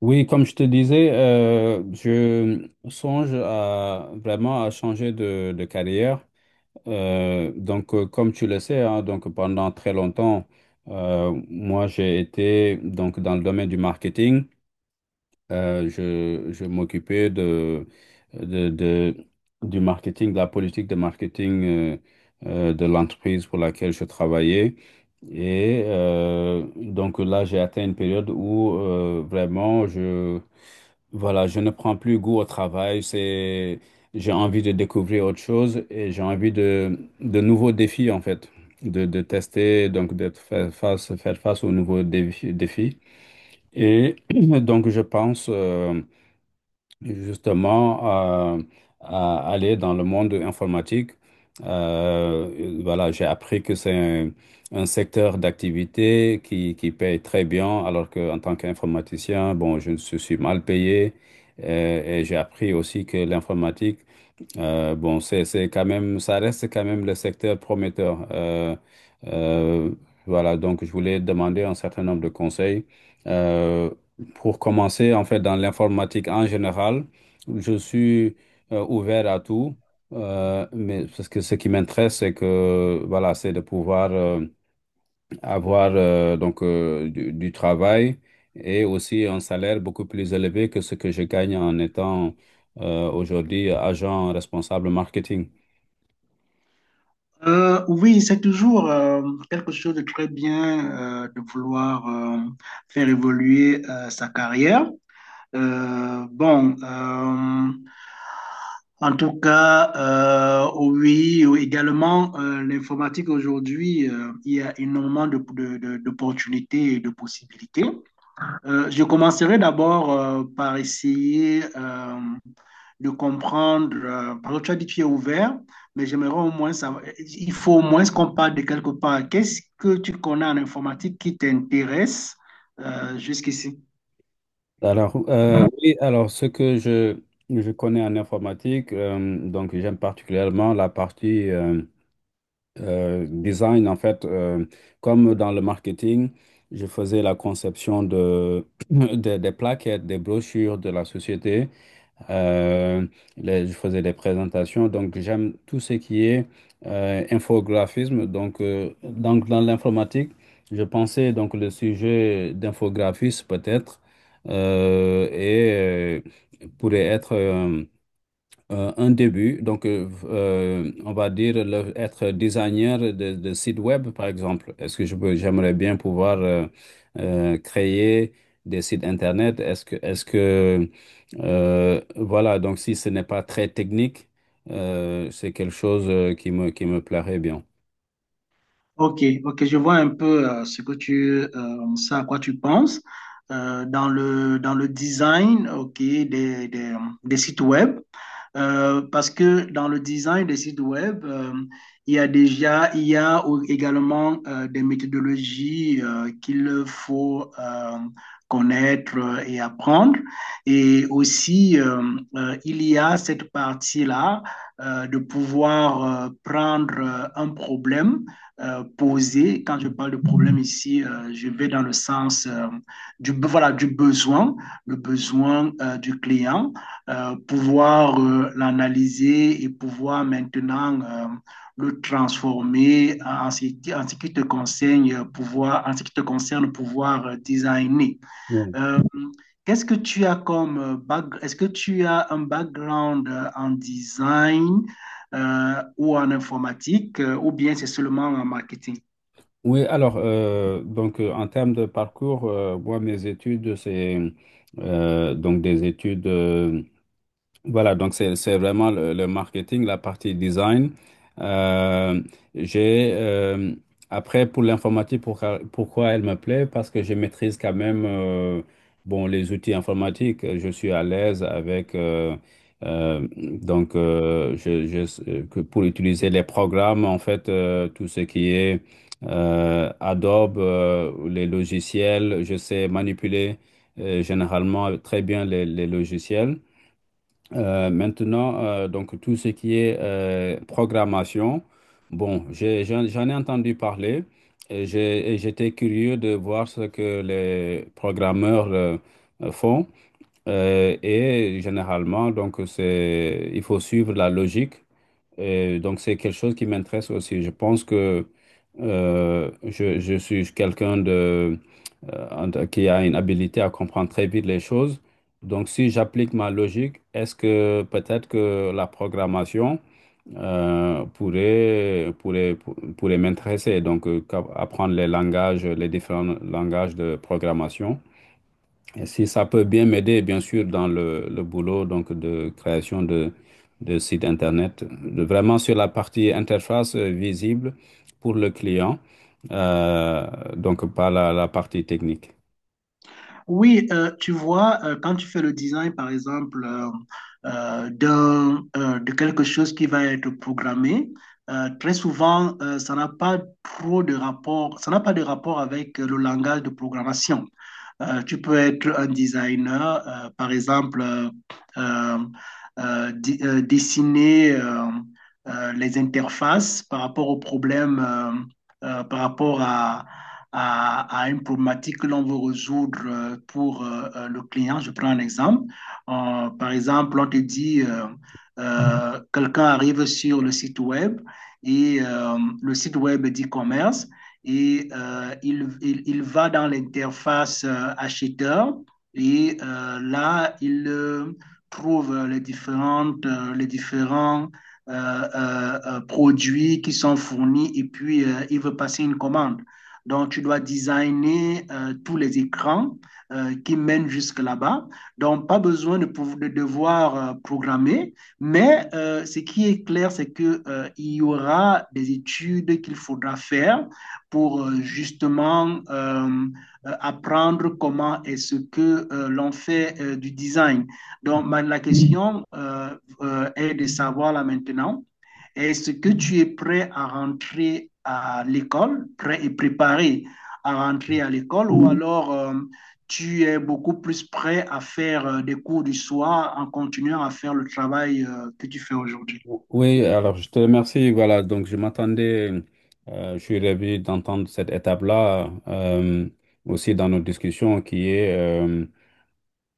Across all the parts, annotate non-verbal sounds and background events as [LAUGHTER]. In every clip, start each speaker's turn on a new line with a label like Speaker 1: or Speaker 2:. Speaker 1: Oui, comme je te disais, je songe à vraiment à changer de carrière. Comme tu le sais, hein, donc pendant très longtemps, moi j'ai été donc dans le domaine du marketing. Je m'occupais de, de- du marketing, de la politique de marketing de l'entreprise pour laquelle je travaillais. Et donc là, j'ai atteint une période où vraiment je voilà, je ne prends plus goût au travail, c'est, j'ai envie de découvrir autre chose et j'ai envie de nouveaux défis en fait, de tester, donc de faire face aux défis. Et [CLEARS THROAT] donc je pense, justement à aller dans le monde informatique. Voilà, j'ai appris que c'est un secteur d'activité qui paye très bien, alors qu'en tant qu'informaticien, bon, je suis mal payé. Et j'ai appris aussi que l'informatique, bon, c'est quand même, ça reste quand même le secteur prometteur. Euh, voilà, donc je voulais demander un certain nombre de conseils. Euh, pour commencer, en fait, dans l'informatique en général, je suis ouvert à tout, mais parce que ce qui m'intéresse, c'est que, voilà, c'est de pouvoir avoir du travail et aussi un salaire beaucoup plus élevé que ce que je gagne en étant aujourd'hui agent responsable marketing.
Speaker 2: Oui, c'est toujours quelque chose de très bien de vouloir faire évoluer sa carrière. Euh, bon, euh, En tout cas, oui, oui, oh, également, l'informatique aujourd'hui, il y a énormément d'opportunités et de possibilités. Je commencerai d'abord par essayer de comprendre, parce que tu as dit que tu es ouvert, mais j'aimerais au moins savoir, il faut au moins qu'on parle de quelque part. Qu'est-ce que tu connais en informatique qui t'intéresse jusqu'ici?
Speaker 1: Alors, oui, alors ce que je connais en informatique, donc j'aime particulièrement la partie design, en fait, comme dans le marketing, je faisais la conception [COUGHS] [CLEARS THROAT] des plaquettes, des brochures de la société. euh, je faisais des présentations. Donc, j'aime tout ce qui est infographisme. Donc, dans l'informatique, je pensais donc le sujet d'infographiste peut-être euh, et pourrait être un début. Donc, on va dire être designer de site web, par exemple. Est-ce que je peux, j'aimerais bien pouvoir créer des sites internet? Voilà, donc si ce n'est pas très technique, c'est quelque chose qui me plairait bien.
Speaker 2: Ok, ok, je vois un peu ce que ça à quoi tu penses. Dans le design, ok, des sites web. Parce que dans le design des sites web, il y a déjà, il y a également des méthodologies qu'il faut connaître et apprendre. Et aussi, il y a cette partie-là de pouvoir prendre un problème posé. Quand je parle de problème ici, je vais dans le sens du, voilà, du besoin, le besoin du client pouvoir l'analyser et pouvoir maintenant le transformer en en ce qui te concerne, pouvoir, en ce qui te concerne, pouvoir designer.
Speaker 1: Oui,
Speaker 2: Euh, Qu'est-ce que tu as comme background? Est-ce que tu as un background en design ou en informatique ou bien c'est seulement en marketing?
Speaker 1: oui, alors, en termes de parcours, moi, mes études, c'est donc des études. Voilà, donc c'est vraiment le marketing, la partie design. Euh, j'ai après pour l'informatique, pourquoi elle me plaît? Parce que je maîtrise quand même bon les outils informatiques. Je suis à l'aise avec que pour utiliser les programmes en fait tout ce qui est Adobe, les logiciels, je sais manipuler généralement très bien les logiciels. Maintenant, donc tout ce qui est programmation, bon, j'en ai entendu parler et et j'étais curieux de voir ce que les programmeurs font. Et généralement, donc c'est, il faut suivre la logique. Et donc c'est quelque chose qui m'intéresse aussi. Je pense que je suis quelqu'un en qui a une habilité à comprendre très vite les choses. Donc, si j'applique ma logique, est-ce que peut-être que la programmation pourrait m'intéresser, donc apprendre les langages, les différents langages de programmation. Et si ça peut bien m'aider, bien sûr, dans le boulot donc de création de sites Internet, vraiment sur la partie interface visible pour le client, euh, donc pas la partie technique.
Speaker 2: Oui, tu vois, quand tu fais le design, par exemple, d'un, de quelque chose qui va être programmé, très souvent, ça n'a pas trop de rapport, ça n'a pas de rapport avec le langage de programmation. Tu peux être un designer, par exemple, dessiner les interfaces par rapport aux problèmes, par rapport à une problématique que l'on veut résoudre pour le client. Je prends un exemple. Par exemple, on te dit, quelqu'un arrive sur le site web et le site web d'e-commerce et il va dans l'interface acheteur et là, il trouve les différents produits qui sont fournis et puis il veut passer une commande. Donc, tu dois designer tous les écrans qui mènent jusque là-bas. Donc, pas besoin de devoir programmer, mais ce qui est clair, c'est qu'il il y aura des études qu'il faudra faire pour justement apprendre comment est-ce que l'on fait du design. Donc, la question est de savoir là maintenant, est-ce que tu es prêt à rentrer à l'école, prêt et préparé à rentrer à l'école, ou alors tu es beaucoup plus prêt à faire des cours du soir en continuant à faire le travail que tu fais aujourd'hui?
Speaker 1: Oui, alors je te remercie. Voilà, donc je m'attendais, je suis ravi d'entendre cette étape-là aussi dans nos discussions qui est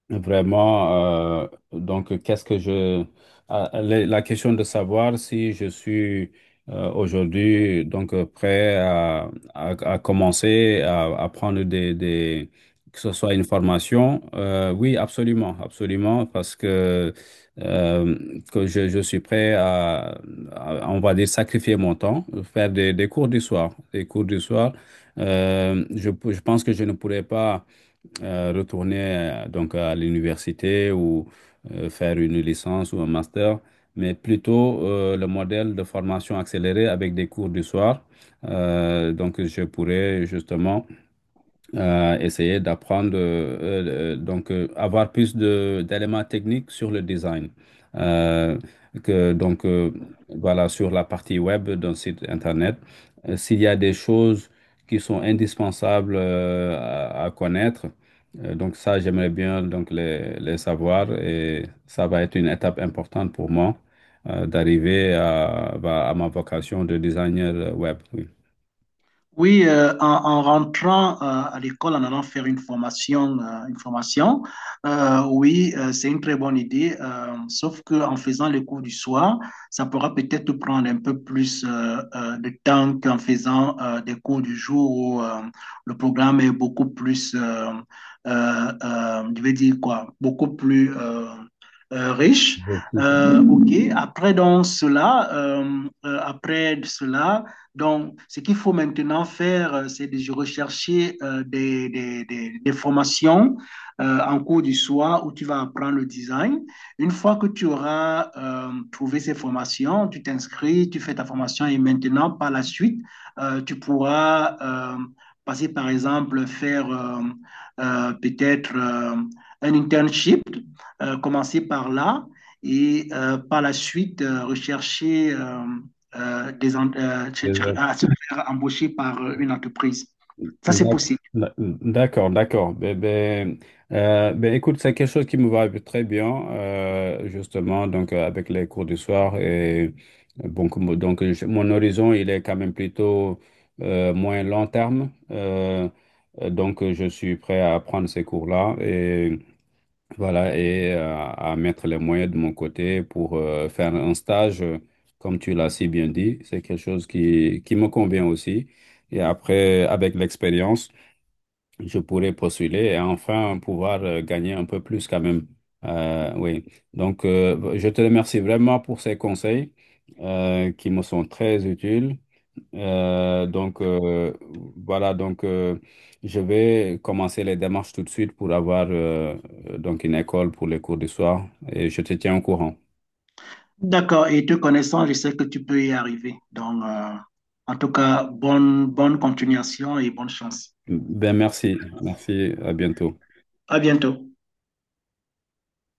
Speaker 1: vraiment, donc qu'est-ce que je... ah, la question de savoir si je suis aujourd'hui donc prêt à commencer à prendre des... que ce soit une formation, oui, absolument, absolument, parce que, euh, je suis prêt à, on va dire, sacrifier mon temps, faire des cours du soir, des cours du soir. Je je pense que je ne pourrais pas retourner donc à l'université ou faire une licence ou un master, mais plutôt le modèle de formation accélérée avec des cours du soir. Donc, je pourrais justement à essayer d'apprendre, avoir plus de d'éléments techniques sur le design. Euh, que, donc Voilà, sur la partie web d'un site Internet. S'il y a des choses qui sont indispensables à connaître, donc ça, j'aimerais bien donc les savoir et ça va être une étape importante pour moi d'arriver à, bah, à ma vocation de designer web. Oui.
Speaker 2: Oui, en, en rentrant à l'école, en allant faire une formation, oui, c'est une très bonne idée. Sauf que en faisant les cours du soir, ça pourra peut-être te prendre un peu plus de temps qu'en faisant des cours du jour où le programme est beaucoup plus, je vais dire quoi, beaucoup plus riche.
Speaker 1: Objectif,
Speaker 2: Ok. Après donc cela, après cela. Donc, ce qu'il faut maintenant faire, c'est de rechercher des formations en cours du soir où tu vas apprendre le design. Une fois que tu auras trouvé ces formations, tu t'inscris, tu fais ta formation et maintenant, par la suite, tu pourras passer, par exemple, faire peut-être un internship, commencer par là et par la suite rechercher. Des, en- tu- tu-
Speaker 1: les
Speaker 2: À se faire embaucher par une entreprise. Ça, c'est
Speaker 1: D'ac-
Speaker 2: possible.
Speaker 1: d'accord, d'accord. Ben, ben, ben, écoute, c'est quelque chose qui me va très bien, justement, donc avec les cours du soir. Et, bon, donc, mon horizon, il est quand même plutôt moins long terme. Donc, je suis prêt à prendre ces cours-là et voilà, et à mettre les moyens de mon côté pour faire un stage, comme tu l'as si bien dit. C'est quelque chose qui me convient aussi. Et après, avec l'expérience, je pourrais postuler et enfin pouvoir gagner un peu plus quand même. Oui. Donc, je te remercie vraiment pour ces conseils qui me sont très utiles. Euh, donc, euh, voilà, donc je vais commencer les démarches tout de suite pour avoir donc une école pour les cours du soir et je te tiens au courant.
Speaker 2: D'accord, et te connaissant, je sais que tu peux y arriver. Donc, en tout cas, bonne, bonne continuation et bonne chance.
Speaker 1: Ben, merci, merci, à bientôt.
Speaker 2: À bientôt.